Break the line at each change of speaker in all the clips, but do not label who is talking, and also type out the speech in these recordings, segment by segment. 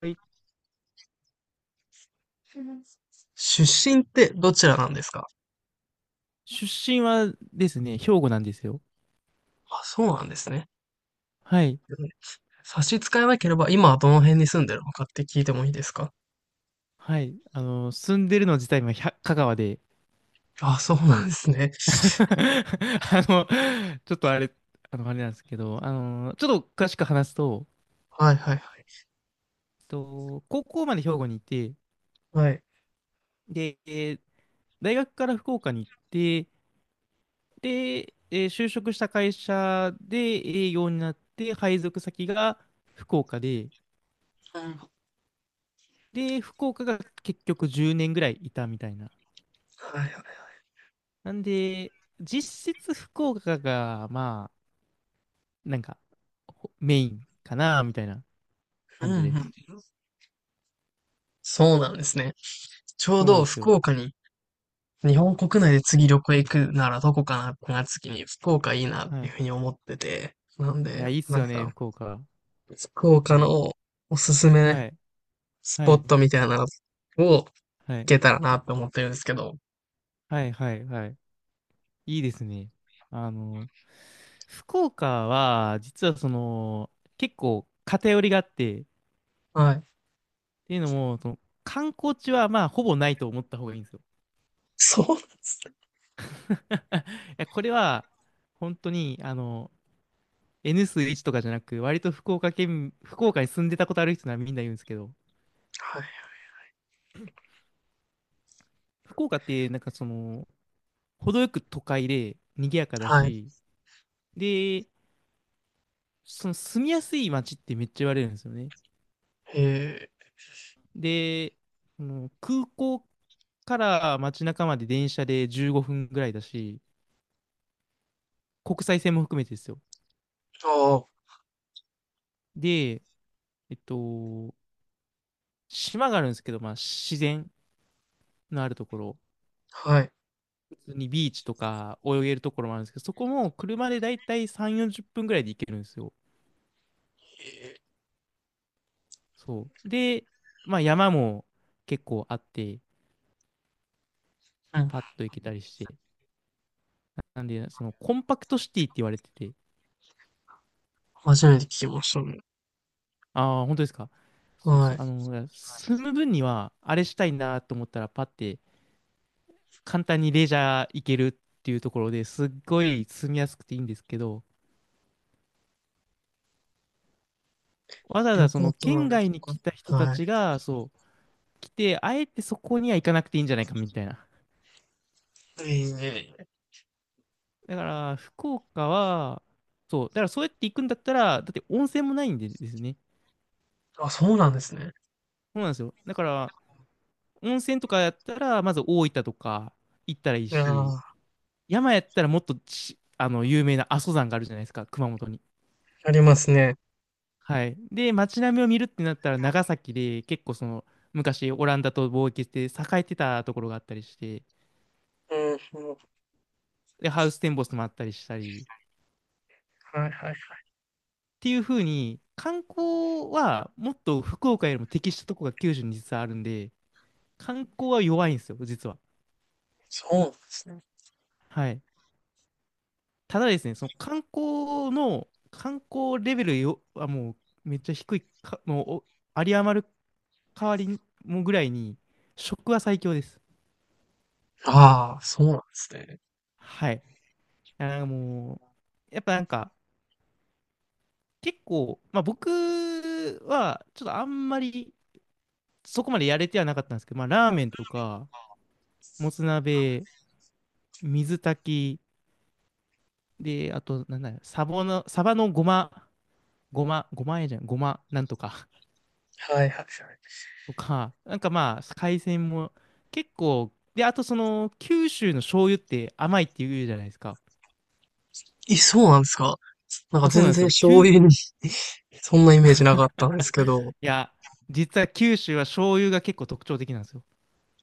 はい。
出身ってどちらなんですか？
出身はですね、兵庫なんですよ。
あ、そうなんですね。
はい。
うん。差し支えなければ、今はどの辺に住んでるのかって聞いてもいいですか？
はい。住んでるの自体は香川で。
あ、そうなんですね。
あの、ちょっとあれ、あれなんですけど、ちょっと詳しく話すと、
はいはいはい。
高校まで兵庫にいて、
はい。
で、大学から福岡に行って、で、就職した会社で営業になって、配属先が福岡で、で、福岡が結局10年ぐらいいたみたいな。
はいはいはい。
なんで、実質福岡が、まあ、なんか、メインかな、みたいな
うん
感
う
じで
ん。
す。
そうなんですね。ちょう
そうなん
ど
です
福
よ。
岡に、日本国内で
は
次
い。
旅行行くならどこかなってなった時に福岡いいなっ
は
ていう
い。
ふうに思ってて。なん
いや、
で、
いいっす
なん
よね、
か、
福岡。
福岡
はい。
のおすすめ
はい。
ス
は
ポッ
い。
トみたいなのを行
はい。
けたらなって思ってるんですけど。
はい。はい。はい。いいですね。あの、福岡は、実はその、結構偏りがあって、っ
はい。
ていうのも、その、観光地は、まあ、ほぼないと思った方がいいんですよ。
そうなんですね。
いや、これは、本当に、N 数1とかじゃなく、割と福岡県、福岡に住んでたことある人ならみんな言うんですけど、
はい
福岡ってなんかその、程よく都会で賑やかだ
はい。
し、で、その住みやすい街ってめっちゃ言われるんですよね。
へえ。
で、その空港から街中まで電車で15分ぐらいだし、国際線も含めてですよ。
ああ、
で、えっと、島があるんですけど、まあ自然のあるところ。
はい。へ
普通にビーチとか泳げるところもあるんですけど、そこも車でだいたい3、40分ぐらいで行けるんですよ。
え。
そう。で、まあ山も結構あって、
うん。
パッと行けたりして。なんで、そのコンパクトシティって言われてて、
初めて聞きましたね。
ああ、本当ですか。そう
は
そう
い。
いや住む分にはあれしたいなと思ったらパッて簡単にレジャー行けるっていうところですっごい住みやすくていいんですけど、わざわ
旅
ざそ
行
の
とのあ
県
れと
外に来た人
か。
た
はい。
ちが、そう、来て、あえてそこには行かなくていいんじゃないかみたいな。
いえいえいえ。
だから、福岡は、そう、だからそうやって行くんだったら、だって温泉もないんでですね。
あ、そうなんですね。
そうなんですよ。だから、温泉とかやったら、まず大分とか行ったらいい
いや
し、
ー、
山やったらもっとち、有名な阿蘇山があるじゃないですか、熊本に。
ありますね。
はい。で、街並みを見るってなったら、長崎で結構その、昔オランダと貿易して栄えてたところがあったりして、
うんうん。は
で、ハウステンボスもあったりしたり、っ
いはいはい。
ていう風に、観光はもっと福岡よりも適したとこが九州に実はあるんで、観光は弱いんですよ、実は。
そうなんですね。
はい。ただですね、その観光レベルよ、はもうめっちゃ低いか、もうお有り余る代わりにもぐらいに、食は最強です。
ああ、そうなんですね。
はい。なんかもう、やっぱなんか、結構、まあ僕は、ちょっとあんまり、そこまでやれてはなかったんですけど、まあラーメンとか、もつ鍋、水炊き、で、あと、なんだよ、サバのごま、ごま、ごまえじゃん、ごま、なんとか。
はいはいはい。
とか、なんかまあ、海鮮も結構、で、あとその、九州の醤油って甘いって言うじゃないですか。
え、そうなんですか？なんか
あ、そうな
全
んです
然
よ。
醤
い
油に、 そんなイメージなかったんですけど。
や、実は九州は醤油が結構特徴的なんですよ。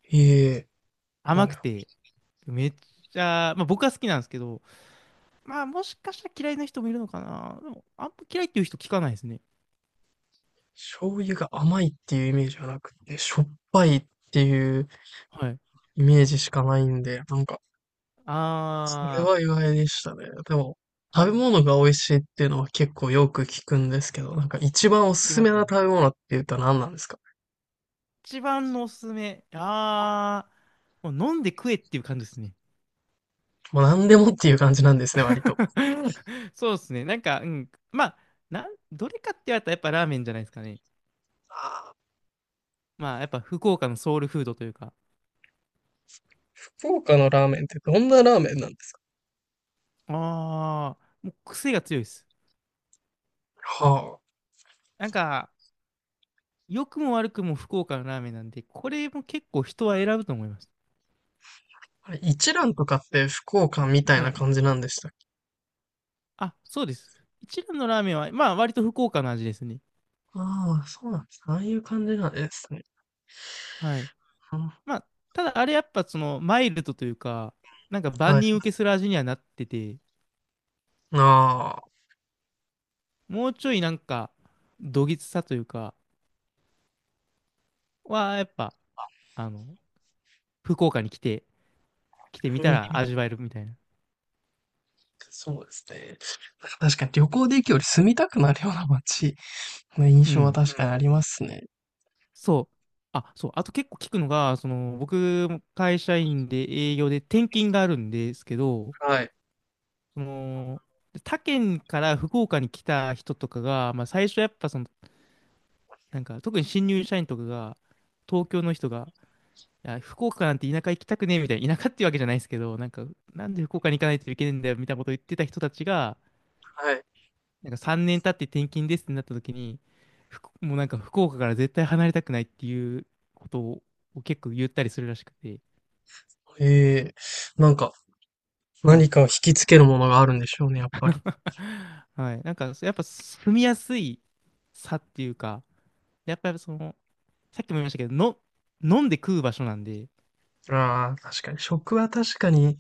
いえいえ。は
甘く
い。
て、めっちゃ、まあ僕は好きなんですけど、まあもしかしたら嫌いな人もいるのかな。でも、あんま嫌いっていう人聞かないですね。
醤油が甘いっていうイメージはなくて、しょっぱいっていう
はい。
イメージしかないんで、なんか、それ
あ
は意外でしたね。でも、
ー、は
食
い。
べ物が美味しいっていうのは結構よく聞くんですけど、なんか一番お
聞
す
き
す
ま
め
す
な
よね。
食べ物って言うと何なんですか？
一番のおすすめ。あー、もう飲んで食えっていう感じですね。
もう何でもっていう感じなんですね、割と。
そうですね。なんか、うん。まあ、どれかって言われたらやっぱラーメンじゃないですかね。
あー、
まあ、やっぱ福岡のソウルフードというか。
福岡のラーメンってどんなラーメンなんですか？
ああ、もう癖が強いです。
は
なんか、良くも悪くも福岡のラーメンなんで、これも結構人は選ぶと思います。
あ。あれ、一蘭とかって福岡みたい
は
な
い。
感じなんでしたっけ？
あ、そうです。一蘭のラーメンは、まあ、割と福岡の味ですね。
ああ、そうなんです。ああいう感じなんですね。
はい。
うん、
まあ、ただあれやっぱその、マイルドというか、なんか
は
万
い。
人受けする味にはなってて、
あ
もうちょいなんか、どぎつさというか、は、やっぱ、あの、福岡に来て
あ、
みた
見て
ら
みた、
味わえるみたいな。
そうですね。なんか確かに旅行で行くより住みたくなるような街の
う
印象は
ん。
確かにありますね。
そう。あ、そう。あと結構聞くのが、その、僕も会社員で営業で転勤があるんですけど、
うん、はい。
その、他県から福岡に来た人とかが、まあ最初やっぱその、なんか特に新入社員とかが、東京の人が、いや、福岡なんて田舎行きたくねえみたいな、田舎っていうわけじゃないですけど、なんか、なんで福岡に行かないといけないんだよみたいなことを言ってた人たちが、
はい。
なんか3年経って転勤ですってなった時に、もうなんか福岡から絶対離れたくないっていうことを結構言ったりするらしくて、
ええ、なんか、
は
何
い。
かを引きつけるものがあるんでしょうね、やっぱり。
はい。なんか、やっぱ住みやすい差っていうか、やっぱりその、さっきも言いましたけど、飲んで食う場所なんで、
ああ、確かに。食は確かに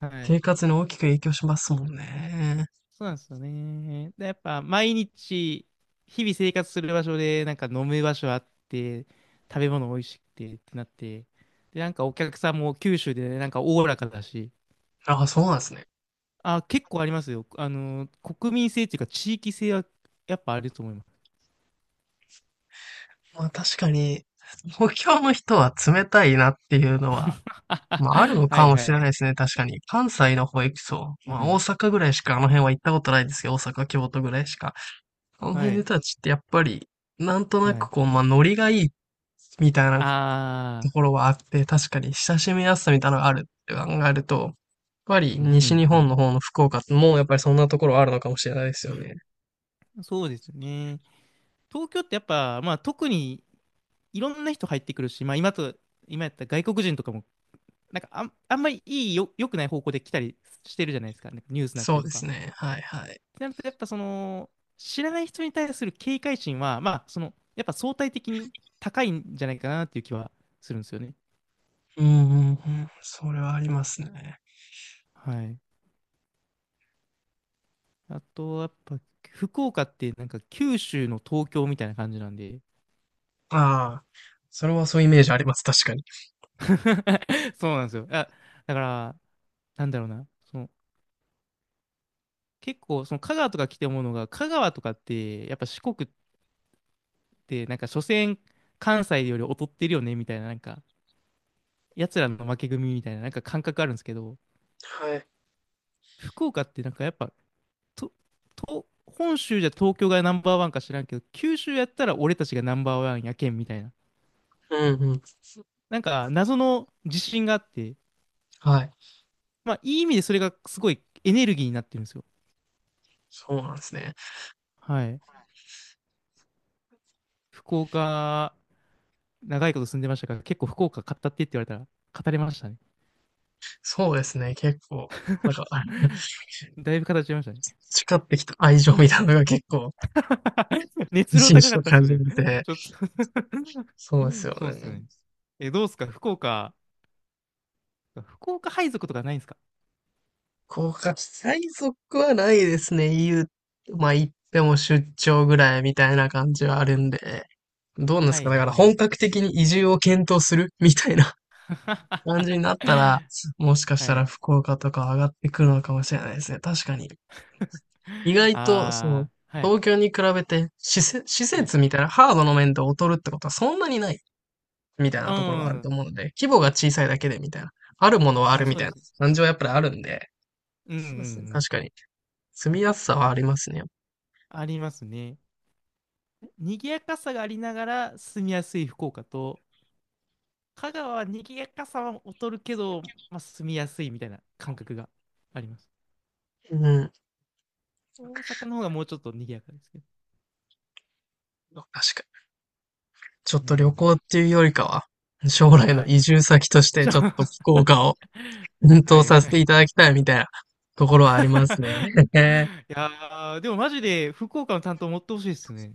はい。
生活に大きく影響しますもんね。
そうなんですよね。で、やっぱ毎日、日々生活する場所で、なんか飲む場所あって、食べ物美味しくてってなって、で、なんかお客さんも九州で、なんかおおらかだし、
ああ、そうなんですね。
あ、結構ありますよ。国民性っていうか地域性はやっぱあると思います。
まあ確かに、東京の人は冷たいなっていうのは、まあある の
は
か
い
も
は
しれ
い。
ないですね、確かに。関西の方行くと、ま
う
あ大
ん。
阪ぐらいしかあの辺は行ったことないですけど、大阪、京都ぐらいしか。あの
は
辺の
い。
人たちってやっぱり、なんとなく
はい。
こう、まあノリがいいみたいなと
ああ、
ころはあって、確かに親しみやすさみたいなのがあるって考えると、やっぱり
うんう
西日本
ん
の方の福岡ってもうやっぱりそんなところはあるのかもしれないですよね。
うん。そうですね。東京ってやっぱ、まあ特にいろんな人入ってくるし、まあ今やったら外国人とかも、なんかあんまりいいよ、良くない方向で来たりしてるじゃないですか。なんかニュースになった
そ
り
う
と
で
か。っ
すね。はいはい。
てなると、やっぱその、知らない人に対する警戒心は、まあその、やっぱ相対的に高いんじゃないかなっていう気はするんですよね。
うんうんうん。それはありますね。
はい。あと、やっぱ、福岡ってなんか九州の東京みたいな感じなんで。
ああ、それはそういうイメージあります。確かに。
そうなんですよ。あ、だから、なんだろうな。その、結構、その香川とか来て思うのが、香川とかって、やっぱ四国って、なんか、所詮、関西より劣ってるよね、みたいな、なんか、奴らの負け組みたいな、なんか感覚あるんですけど、
はい。
福岡ってなんかやっぱ、と、本州じゃ東京がナンバーワンか知らんけど、九州やったら俺たちがナンバーワンやけん、みたいな。
うんうん。
なんか、謎の自信があって、
はい。
まあ、いい意味でそれがすごいエネルギーになってるんですよ。
そうなんですね。
はい。福岡、長いこと住んでましたから、結構福岡語ってって言われたら、語れましたね。
そうですね。結構、なんか、あ、
だいぶ語っちゃいましたね。
培ってきた愛情みたいなのが結構、一
熱量
日
高
し
か
と
ったっす
感
そ
じ
れ
ら
ち
れて、
ょっと
そうです よ
そうっす
ね。
ね。え、どうっすか福岡、配属とかないんですか？
国家最速はないですね。言う、まあ言っても出張ぐらいみたいな感じはあるんで。どうなんで
は
すか、だ
い
から
はい。
本格的に移住を検討するみたいな、 感じになったら、もしかした
は
ら
い。
福岡とか上がってくるのかもしれないですね。確かに。意外と、そう、
ああ、はい、
東京に比べて施設、施
はい。
設みたいなハードの面で劣るってことはそんなにないみたい
う
なところはあると
ん。
思うので、規模が小さいだけでみたいな。あるものはある
あ、
み
そう
たい
で
な
す。
感じはやっぱりあるんで、
うんうんう
そうですね。確
ん。
かに。住みやすさはありますね。
ありますね。賑やかさがありながら住みやすい福岡と、香川は賑やかさは劣るけど、まあ、住みやすいみたいな感覚があります。
うん。
大阪の方がもうちょっと賑やかですけど。
確かに。ちょっ
う
と旅
ん。
行っていうよりかは、将来の
はい。
移住先として
じゃ
ちょっと
あ
福 岡を奮
は
闘
い
さ
は
せてい
い。
ただきたいみたいなところはありますね。
いやー、でもマジで福岡の担当持ってほしいですね。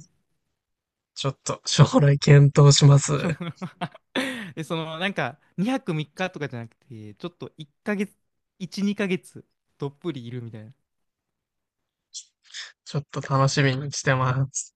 ちょっと将来検討します。
しょ で、その、なんか、2泊3日とかじゃなくて、ちょっと1ヶ月、1、2ヶ月、どっぷりいるみたいな。
ちょっと楽しみにしてます。